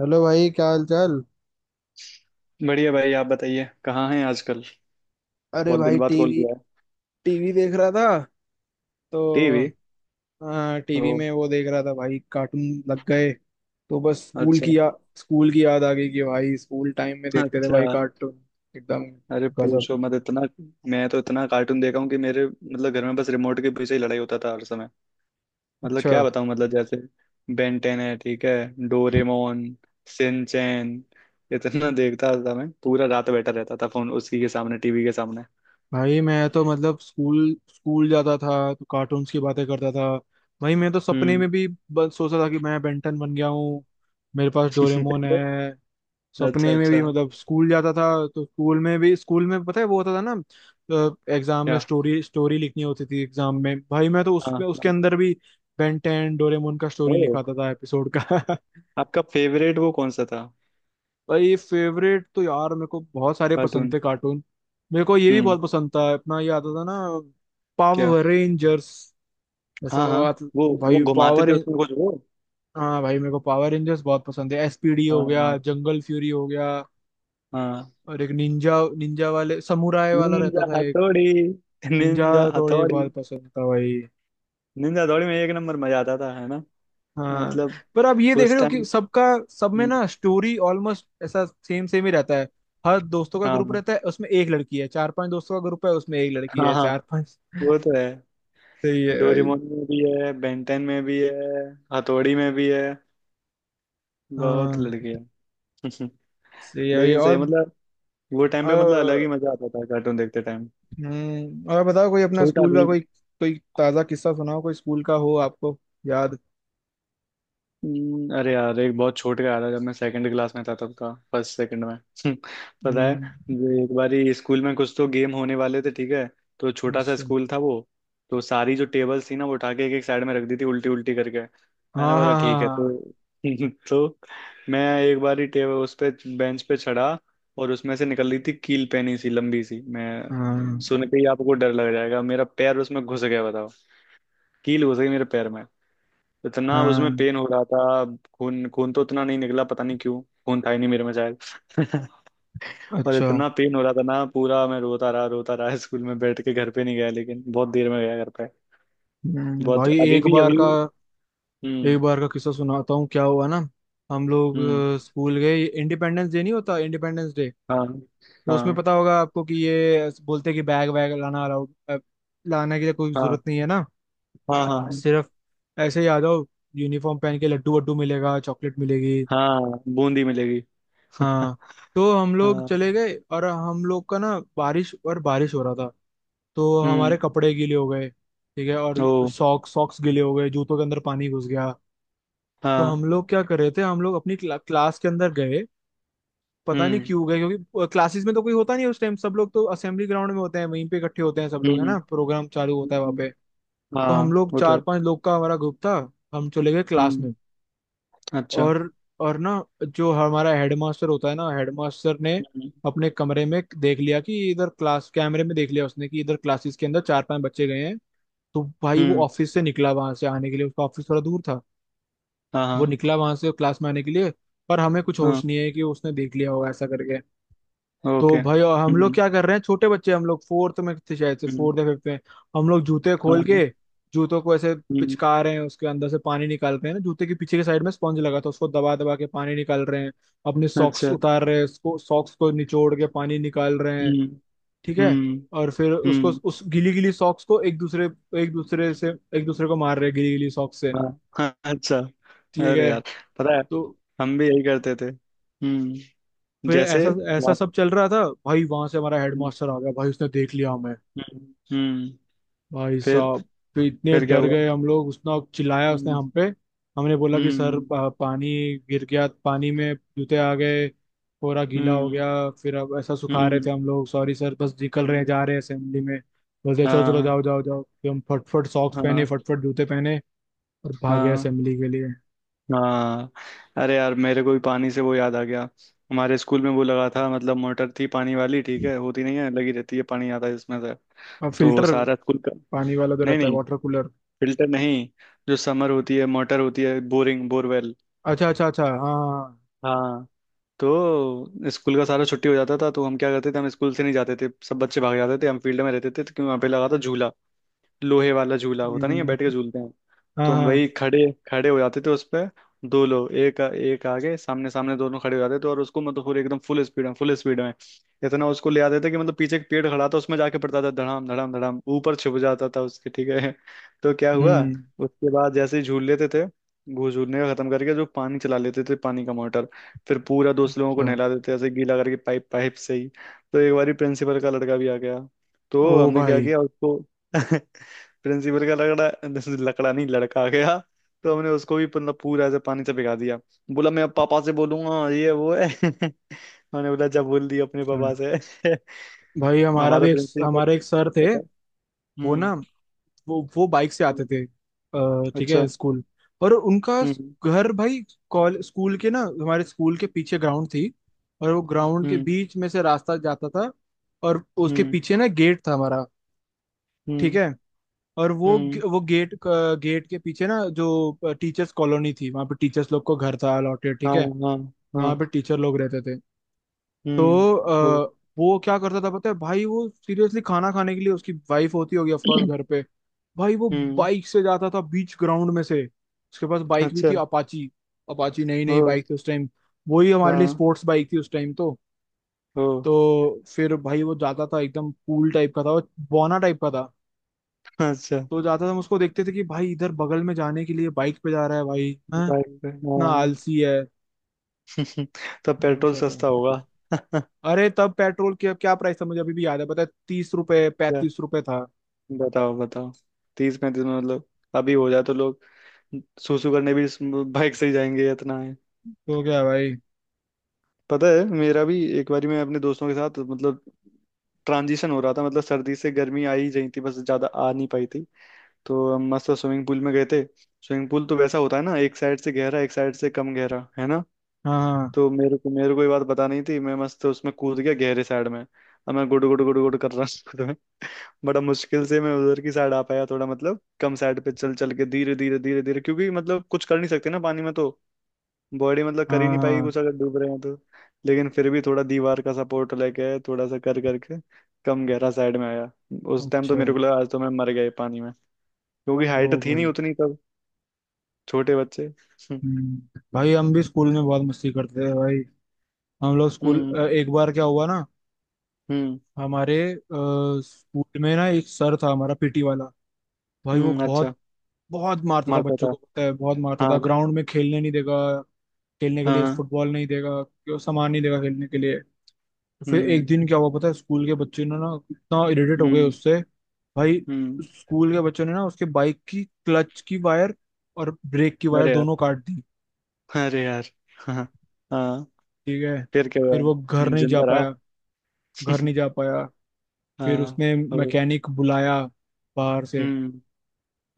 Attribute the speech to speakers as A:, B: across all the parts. A: Hello भाई। क्या हाल चाल?
B: बढ़िया भाई। आप बताइए कहाँ हैं आजकल।
A: अरे
B: बहुत दिन
A: भाई,
B: बाद कॉल
A: टीवी।
B: किया है।
A: टीवी देख रहा था
B: टीवी।
A: तो। हाँ,
B: ओ।
A: टीवी में वो देख रहा था भाई, कार्टून लग गए। तो बस
B: अच्छा।
A: स्कूल की याद आ गई कि भाई स्कूल टाइम में देखते थे
B: अच्छा।
A: भाई कार्टून। एकदम
B: अरे
A: गजब।
B: पूछो मत इतना। मैं तो इतना कार्टून देखा हूँ कि मेरे मतलब घर में बस रिमोट के पीछे ही लड़ाई होता था हर समय। मतलब क्या
A: अच्छा।
B: बताऊँ। मतलब जैसे, बेन टेन है ठीक है। डोरेमोन। सिंचैन। इतना देखता था मैं, पूरा रात बैठा रहता था फोन उसी के सामने, टीवी के सामने।
A: भाई, मैं तो मतलब स्कूल स्कूल जाता था तो कार्टून्स की बातें करता था। भाई, मैं तो सपने
B: हम्म।
A: में भी बस सोचता था कि मैं बेंटन बन गया हूँ, मेरे पास डोरेमोन है।
B: अच्छा।
A: सपने में भी
B: अच्छा।
A: मतलब स्कूल जाता था। तो स्कूल में भी, स्कूल में पता है वो होता था ना। एग्जाम में
B: क्या?
A: स्टोरी स्टोरी लिखनी होती थी। एग्जाम में भाई मैं तो
B: हाँ
A: उसमें उसके
B: हाँ।
A: अंदर भी बेन टेन डोरेमोन का स्टोरी
B: ओ।
A: लिखाता था एपिसोड का।
B: आपका फेवरेट वो कौन सा था
A: भाई फेवरेट तो यार मेरे को बहुत सारे पसंद
B: कार्टून?
A: थे कार्टून। मेरे को ये भी
B: हम्म।
A: बहुत पसंद था, अपना ये आता था ना,
B: क्या?
A: Power rangers. ऐसा
B: हाँ
A: वो
B: हाँ।
A: आता।
B: वो
A: भाई
B: घुमाते
A: पावर
B: थे उसमें कुछ वो।
A: हाँ, भाई मेरे को पावर रेंजर्स बहुत पसंद है, एसपीडी हो गया,
B: हाँ
A: जंगल फ्यूरी हो गया।
B: हाँ।
A: और एक निंजा, निंजा वाले समुराय वाला रहता
B: निंजा
A: था एक,
B: हथौड़ी।
A: निंजा।
B: निंजा
A: थोड़ी
B: हथौड़ी।
A: बहुत पसंद था भाई।
B: निंजा हथौड़ी में एक नंबर मजा आता था है ना।
A: हाँ।
B: मतलब,
A: पर आप ये देख रहे
B: उस
A: हो कि
B: टाइम।
A: सबका सब में
B: हम्म।
A: ना स्टोरी ऑलमोस्ट ऐसा सेम सेम ही रहता है। हर दोस्तों का ग्रुप
B: हाँ
A: रहता है, उसमें एक लड़की है, चार पांच दोस्तों का ग्रुप है, उसमें एक लड़की
B: हाँ।
A: है,
B: हाँ
A: चार पांच।
B: वो तो है।
A: सही है भाई।
B: डोरेमोन में भी है, बेंटेन में भी है, हथौड़ी में भी है। बहुत
A: हाँ,
B: लड़के हैं।
A: सही है भाई।
B: लेकिन सही है, मतलब वो टाइम पे मतलब अलग ही
A: और,
B: मजा आता था कार्टून देखते टाइम।
A: और बताओ, कोई अपना
B: छोटा
A: स्कूल का
B: भीम।
A: कोई कोई ताजा किस्सा सुनाओ, कोई स्कूल का हो आपको याद।
B: हम्म। अरे यार एक बहुत छोटे का याद है, जब मैं सेकंड क्लास में था, तब का फर्स्ट सेकंड में पता है।
A: हम्म।
B: जो एक बारी स्कूल में कुछ तो गेम होने वाले थे ठीक है। तो छोटा सा
A: अच्छा।
B: स्कूल था वो। तो सारी जो टेबल्स थी ना वो उठा के एक एक साइड में रख दी थी, उल्टी उल्टी करके। मैंने
A: हाँ
B: बोला
A: हाँ
B: ठीक है।
A: हाँ।
B: तो तो मैं एक बारी टेबल उस पे, बेंच पे चढ़ा। और उसमें से निकल रही थी कील, पेनी सी लंबी सी। मैं
A: हाँ
B: सुन
A: हाँ
B: के ही आपको डर लग जाएगा, मेरा पैर उसमें घुस गया बताओ। कील घुस गई मेरे पैर में। इतना उसमें
A: हाँ।
B: पेन हो रहा था। खून खून तो उतना नहीं निकला, पता नहीं क्यों। खून था ही नहीं मेरे में शायद। और
A: अच्छा।
B: इतना पेन हो रहा था ना, पूरा मैं रोता रहा, रोता रहा स्कूल में बैठ के, घर पे नहीं गया, लेकिन बहुत देर में गया घर पे।
A: हम्म।
B: बहुत।
A: भाई,
B: अभी
A: एक
B: भी,
A: बार
B: अभी
A: का
B: भी।
A: एक
B: हम्म।
A: बार का किस्सा सुनाता हूँ, क्या हुआ ना। हम लोग
B: हम्म।
A: स्कूल गए, इंडिपेंडेंस डे नहीं होता इंडिपेंडेंस डे।
B: हाँ।
A: तो उसमें
B: हाँ।
A: पता होगा आपको कि ये बोलते हैं कि बैग वैग लाना अलाउड, लाने की तो कोई
B: हाँ।
A: जरूरत नहीं है ना,
B: हाँ। हाँ।
A: सिर्फ ऐसे ही आ जाओ, यूनिफॉर्म पहन के लड्डू वड्डू मिलेगा, चॉकलेट मिलेगी।
B: हाँ बूंदी मिलेगी।
A: हाँ। तो हम लोग
B: हाँ।
A: चले गए और हम लोग का ना बारिश और बारिश हो रहा था। तो हमारे
B: हम्म।
A: कपड़े गीले हो गए, ठीक है, और
B: ओ।
A: सॉक्स सॉक्स गीले हो गए, जूतों के अंदर पानी घुस गया। तो
B: हाँ।
A: हम लोग क्या कर रहे थे, हम लोग अपनी क्लास के अंदर गए। पता नहीं
B: हम्म।
A: क्यों गए, क्योंकि क्लासेस में तो कोई होता नहीं उस टाइम, सब लोग तो असेंबली ग्राउंड में होते हैं, वहीं पे इकट्ठे होते हैं सब लोग, है
B: हम्म।
A: ना, प्रोग्राम चालू होता है वहाँ पे।
B: हम्म,
A: तो हम
B: हाँ
A: लोग
B: वो तो
A: चार
B: है।
A: पांच लोग का हमारा ग्रुप था, हम चले गए क्लास
B: हम्म।
A: में।
B: अच्छा।
A: और और ना, जो हमारा हेडमास्टर होता है ना, हेडमास्टर ने
B: हम्म।
A: अपने कमरे में देख लिया कि इधर, क्लास कैमरे में देख लिया उसने कि इधर क्लासेस के अंदर चार पांच बच्चे गए हैं। तो भाई वो
B: हम्म।
A: ऑफिस से निकला वहां से आने के लिए, उसका ऑफिस थोड़ा दूर था।
B: हाँ
A: वो
B: हाँ
A: निकला वहां से क्लास में आने के लिए, पर हमें कुछ
B: हाँ।
A: होश नहीं है कि उसने देख लिया होगा ऐसा करके।
B: ओके।
A: तो भाई और हम लोग
B: हम्म।
A: क्या कर रहे हैं, छोटे बच्चे हम लोग फोर्थ में थे शायद से,
B: हम्म।
A: फोर्थ या फिफ्थ में। हम लोग जूते खोल
B: हाँ।
A: के जूतों को ऐसे
B: हम्म।
A: पिचका रहे हैं, उसके अंदर से पानी निकालते हैं ना, जूते के पीछे के साइड में स्पंज लगा था, उसको दबा दबा के पानी निकाल रहे हैं, अपने सॉक्स
B: अच्छा।
A: उतार रहे हैं, उसको सॉक्स को निचोड़ के पानी निकाल रहे हैं।
B: हम्म।
A: ठीक है।
B: हम्म।
A: और फिर उसको
B: हम्म।
A: उस गीली गीली सॉक्स को एक दूसरे से एक दूसरे को मार रहे हैं गीली गीली सॉक्स से।
B: हाँ। हाँ, अच्छा।
A: ठीक
B: अरे
A: है।
B: यार। पता है,
A: तो
B: हम भी यही करते थे। हम्म।
A: फिर
B: जैसे।
A: ऐसा ऐसा
B: वहाँ।
A: सब चल रहा था भाई, वहां से हमारा
B: हम्म।
A: हेडमास्टर आ गया भाई, उसने देख लिया हमें।
B: हम्म। हम्म,
A: भाई
B: फिर।
A: साहब, तो इतने
B: फिर क्या
A: डर
B: हुआ?
A: गए हम लोग, उसने चिल्लाया, उसने
B: हम्म।
A: हम पे। हमने बोला कि सर,
B: हम्म।
A: पानी गिर गया, पानी में जूते आ गए, पूरा गीला हो
B: हम्म।
A: गया, फिर अब ऐसा सुखा रहे
B: हम्म।
A: थे हम लोग, सॉरी सर, बस निकल रहे हैं,
B: हम्म।
A: जा रहे हैं असेंबली में। बोलते चलो चलो,
B: हाँ।
A: जाओ जाओ जाओ। फिर हम फटफट सॉक्स पहने,
B: हाँ।
A: फटफट जूते पहने और भागे
B: हाँ।
A: असेंबली के लिए।
B: हाँ। अरे यार मेरे को भी पानी से वो याद आ गया। हमारे स्कूल में वो लगा था, मतलब मोटर थी पानी वाली ठीक है, होती नहीं है, लगी रहती है, पानी आता है इसमें से।
A: और
B: तो
A: फिल्टर
B: सारा स्कूल का।
A: पानी वाला तो
B: नहीं
A: रहता है,
B: नहीं,
A: वाटर कूलर।
B: फिल्टर नहीं। जो समर होती है, मोटर होती है, बोरिंग, बोरवेल।
A: अच्छा अच्छा अच्छा। हाँ हाँ।
B: हाँ। तो स्कूल का सारा छुट्टी हो जाता था, तो हम क्या करते थे, हम स्कूल से नहीं जाते थे, सब बच्चे भाग जाते थे, हम फील्ड में रहते थे, तो क्योंकि वहाँ पे लगा था झूला। लोहे वाला झूला, होता नहीं है
A: हम्म।
B: बैठ के झूलते हैं।
A: हाँ
B: तो हम
A: हाँ।
B: वही खड़े खड़े हो जाते थे उस पे। दो लोग, एक एक आगे, सामने सामने दोनों खड़े हो जाते थे, और उसको मतलब पूरे एकदम फुल स्पीड में, फुल स्पीड में। इतना उसको ले आते थे कि मतलब पीछे एक पेड़ खड़ा था, उसमें जाके पड़ता था धड़ाम धड़ाम धड़ाम, ऊपर छिप जाता था उसके ठीक है। तो क्या हुआ?
A: हम्म।
B: उसके बाद जैसे ही झूल लेते थे, घूस झूलने का खत्म करके, जो पानी चला लेते थे, पानी का मोटर। फिर पूरा दोस्त लोगों को
A: अच्छा।
B: नहला देते थे, ऐसे गीला करके, पाइप, पाइप से ही। तो एक बारी प्रिंसिपल का लड़का भी आ गया। तो
A: ओ
B: हमने क्या
A: भाई।
B: किया उसको। प्रिंसिपल का लकड़ा, लकड़ा नहीं, लड़का आ गया। तो हमने उसको भी मतलब पूरा ऐसे पानी से भिगा दिया। बोला मैं अब पापा से बोलूंगा ये वो है। मैंने बोला जब बोल दिया अपने
A: अच्छा।
B: पापा से।
A: भाई, हमारा
B: हमारा
A: भी एक
B: प्रिंसिपल,
A: हमारे एक सर थे।
B: पता है?
A: वो
B: हम्म।
A: ना, वो बाइक से आते
B: हम्म,
A: थे, ठीक
B: अच्छा।
A: है, स्कूल। और उनका
B: हम्म।
A: घर भाई, कॉल स्कूल के ना हमारे स्कूल के पीछे ग्राउंड थी। और वो ग्राउंड के
B: हम्म।
A: बीच में से रास्ता जाता था। और उसके
B: हम्म।
A: पीछे ना गेट था हमारा, ठीक
B: हम्म।
A: है। और
B: हम्म।
A: वो गेट गेट के पीछे ना जो टीचर्स कॉलोनी थी, वहां पे टीचर्स लोग को घर था अलॉटेड,
B: हाँ।
A: ठीक है,
B: हाँ। हाँ।
A: वहां पे टीचर लोग रहते थे।
B: हम्म।
A: तो
B: वो।
A: वो क्या करता था पता है भाई, वो सीरियसली, खाना खाने के लिए उसकी वाइफ होती होगी ऑफकोर्स घर पे, भाई वो
B: हम्म।
A: बाइक से जाता था बीच ग्राउंड में से। उसके पास बाइक भी
B: अच्छा।
A: थी अपाची, अपाची नई
B: ओ।
A: नई बाइक थी उस टाइम। वही हमारे लिए
B: हाँ।
A: स्पोर्ट्स बाइक थी उस टाइम। तो
B: ओ।
A: तो फिर भाई वो जाता था, एकदम कूल टाइप का था वो, बौना टाइप का था।
B: अच्छा।
A: तो जाता था, हम उसको देखते थे कि भाई इधर बगल में जाने के लिए बाइक पे जा रहा है भाई, हाँ,
B: बाइक पे
A: इतना
B: हाँ।
A: आलसी है।
B: तब
A: हाँ,
B: पेट्रोल
A: ऐसा था।
B: सस्ता होगा।
A: अरे, तब पेट्रोल की क्या प्राइस था, मुझे अभी भी याद है, पता है, 30 रुपए,
B: क्या?
A: 35 रुपए था।
B: बताओ बताओ। 30 35 में, मतलब। अभी हो जाए तो लोग, सुसु करने भी इस बाइक से ही जाएंगे इतना है।
A: तो क्या भाई।
B: पता है मेरा भी एक बारी, मैं अपने दोस्तों के साथ, मतलब ट्रांजिशन हो रहा था, मतलब सर्दी से गर्मी आ ही रही थी बस, ज्यादा आ नहीं पाई थी। तो हम मस्त स्विमिंग पूल में गए थे। स्विमिंग पूल तो वैसा होता है ना, एक साइड से गहरा, एक साइड से कम गहरा है ना।
A: हाँ हाँ
B: तो मेरे को ये बात पता नहीं थी, मैं मस्त उसमें कूद गया गहरे साइड में। अब मैं गुड़ गुड़ गुड़ गुड़ कर रहा। बड़ा मुश्किल से मैं उधर की साइड आ पाया, थोड़ा मतलब कम साइड पे, चल चल के धीरे धीरे, धीरे धीरे, क्योंकि मतलब कुछ कर नहीं सकते ना पानी में तो। बॉडी मतलब कर ही नहीं पाएगी कुछ
A: हाँ।
B: अगर डूब रहे हैं तो। लेकिन फिर भी थोड़ा दीवार का सपोर्ट लेके, थोड़ा सा कर करके कम गहरा साइड में आया।
A: हाँ।
B: उस टाइम तो
A: अच्छा।
B: मेरे को लगा, आज तो मैं मर गया ये पानी में। क्योंकि हाइट
A: वो
B: थी
A: भाई।
B: नहीं उतनी तब, छोटे बच्चे। हम्म।
A: हम्म। भाई हम भी स्कूल में बहुत मस्ती करते थे भाई। हम लोग स्कूल,
B: हम्म।
A: एक बार क्या हुआ ना,
B: हम्म।
A: हमारे स्कूल में ना एक सर था हमारा पीटी वाला। भाई, वो बहुत
B: अच्छा।
A: बहुत मारता था
B: मारता
A: बच्चों
B: था।
A: को, पता है, बहुत मारता था।
B: हाँ।
A: ग्राउंड में खेलने नहीं देगा, खेलने के लिए
B: हाँ।
A: फुटबॉल नहीं देगा, क्यों सामान नहीं देगा खेलने के लिए। तो फिर एक
B: हम्म।
A: दिन क्या हुआ पता है, स्कूल के बच्चे ने ना इतना इरिटेट हो गए
B: हम्म।
A: उससे भाई,
B: हम्म।
A: स्कूल के बच्चों ने ना उसके बाइक की क्लच की वायर और ब्रेक की वायर
B: अरे यार।
A: दोनों काट दी,
B: अरे यार। हाँ। हाँ।
A: ठीक है।
B: फिर क्या हुआ?
A: फिर वो घर नहीं जा
B: जिंदा रहा।
A: पाया, घर नहीं जा पाया। फिर
B: हाँ।
A: उसने
B: ओ।
A: मैकेनिक बुलाया बाहर से।
B: हम्म।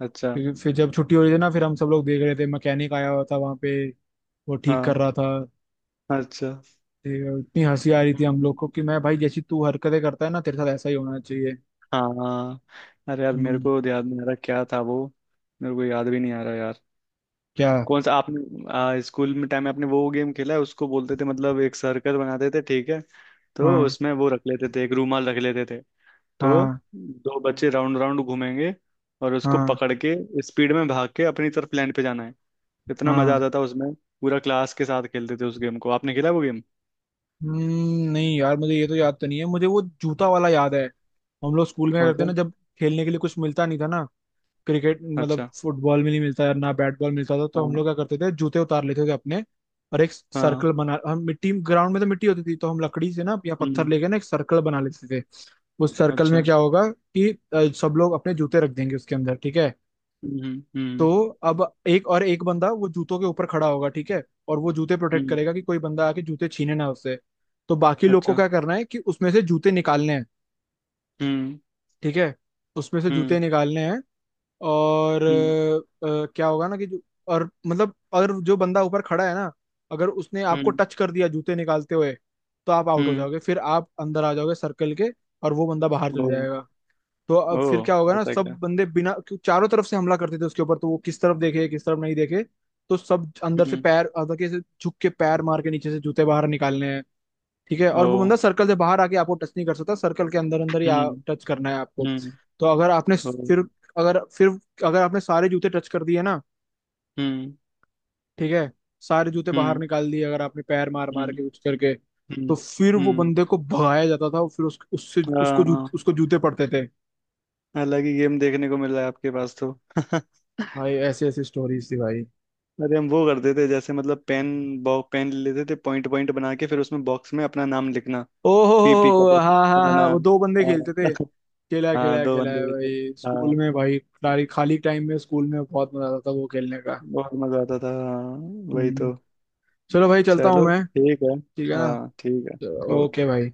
B: अच्छा।
A: फिर जब छुट्टी हो रही थी ना, फिर हम सब लोग देख रहे थे मैकेनिक आया हुआ था वहां पे, वो ठीक कर
B: हाँ।
A: रहा था।
B: अच्छा।
A: ठीक है, इतनी हंसी आ रही थी हम
B: हम्म,
A: लोग को कि मैं भाई, जैसी तू हरकतें करता है ना तेरे साथ ऐसा ही होना चाहिए।
B: हाँ। अरे यार मेरे
A: हम्म।
B: को याद नहीं आ रहा क्या था वो। मेरे को याद भी नहीं आ रहा यार।
A: क्या?
B: कौन सा, आपने स्कूल में टाइम में आपने वो गेम खेला है उसको बोलते थे, मतलब एक सर्कल बनाते थे ठीक है। तो
A: हाँ
B: उसमें वो रख लेते थे, एक रूमाल रख लेते थे। तो
A: हाँ
B: दो बच्चे राउंड राउंड घूमेंगे, और उसको
A: हाँ।
B: पकड़ के स्पीड में भाग के अपनी तरफ लैंड पे जाना है। इतना मजा
A: हाँ।
B: आता था उसमें। पूरा क्लास के साथ खेलते थे उस गेम को, आपने खेला वो गेम?
A: हम्म। नहीं यार, मुझे ये तो याद तो नहीं है, मुझे वो जूता वाला याद है। हम लोग स्कूल में क्या
B: कौन
A: करते
B: सा?
A: ना, जब खेलने के लिए कुछ मिलता नहीं था ना, क्रिकेट मतलब
B: अच्छा।
A: फुटबॉल में नहीं मिलता यार ना, बैट बॉल मिलता था, तो हम
B: हाँ
A: लोग क्या करते थे जूते उतार लेते थे अपने। और एक
B: हाँ।
A: सर्कल बना, हम मिट्टी ग्राउंड में, तो मिट्टी होती थी तो हम लकड़ी से ना या पत्थर
B: हम्म।
A: लेके ना एक सर्कल बना लेते थे। उस सर्कल में
B: अच्छा।
A: क्या होगा कि सब लोग अपने जूते रख देंगे उसके अंदर, ठीक है।
B: हम्म।
A: तो
B: हम्म।
A: अब एक बंदा वो जूतों के ऊपर खड़ा होगा, ठीक है, और वो जूते प्रोटेक्ट
B: हम्म।
A: करेगा कि कोई बंदा आके जूते छीने ना उससे। तो बाकी लोग को
B: अच्छा।
A: क्या करना है कि उसमें से जूते निकालने हैं,
B: हम्म।
A: ठीक है, उसमें से जूते
B: हम्म।
A: निकालने हैं। और
B: हम्म।
A: क्या होगा ना कि जो- और मतलब और जो बंदा ऊपर खड़ा है ना, अगर उसने आपको
B: हम्म।
A: टच कर दिया जूते निकालते हुए, तो आप आउट हो
B: हम्म।
A: जाओगे, फिर आप अंदर आ जाओगे सर्कल के, और वो बंदा बाहर
B: ओ।
A: चल जाएगा। तो अब
B: ओ।
A: फिर क्या होगा ना,
B: ऐसा
A: सब
B: क्या?
A: बंदे बिना क्यों- चारों तरफ से हमला करते थे उसके ऊपर, तो वो किस तरफ देखे किस तरफ नहीं देखे। तो सब अंदर से
B: हम्म।
A: पैर अंदर के से झुक के पैर मार के नीचे से जूते बाहर निकालने हैं, ठीक है।
B: ओ।
A: और वो बंदा सर्कल से बाहर आके आपको टच नहीं कर सकता, सर्कल के अंदर अंदर ही
B: हम्म।
A: टच करना है आपको।
B: हम्म।
A: तो अगर आपने
B: ओ।
A: फिर फिर अगर आपने सारे जूते टच कर दिए ना,
B: हम्म।
A: ठीक है, सारे जूते बाहर
B: हम्म।
A: निकाल दिए अगर आपने पैर मार मार
B: हम्म।
A: के कुछ करके,
B: हम्म।
A: तो फिर वो
B: हम्म।
A: बंदे को भगाया जाता था। और फिर उससे उसको
B: हाँ,
A: जूते उसको जूते पड़ते थे।
B: अलग ही गेम देखने को मिल रहा है आपके पास तो।
A: भाई ऐसी ऐसी स्टोरीज थी भाई।
B: अरे हम वो करते थे, जैसे मतलब पेन, बॉ पेन ले लेते थे, पॉइंट पॉइंट बना के फिर उसमें बॉक्स में अपना नाम लिखना। पीपी का
A: ओहो,
B: बॉक्स
A: हाँ हाँ
B: बनाना।
A: हाँ, वो दो बंदे खेलते
B: हाँ।
A: थे, खेला है, खेला
B: हाँ,
A: है,
B: दो
A: खेला
B: बंदे
A: है
B: के थे।
A: भाई स्कूल
B: हाँ।
A: में भाई। खाली खाली टाइम में स्कूल में बहुत मजा आता था वो खेलने का।
B: बहुत मजा आता था हाँ। वही
A: हम्म।
B: तो।
A: चलो भाई, चलता हूँ
B: चलो
A: मैं,
B: ठीक है।
A: ठीक है
B: हाँ ठीक है।
A: ना। Okay
B: okay.
A: भाई।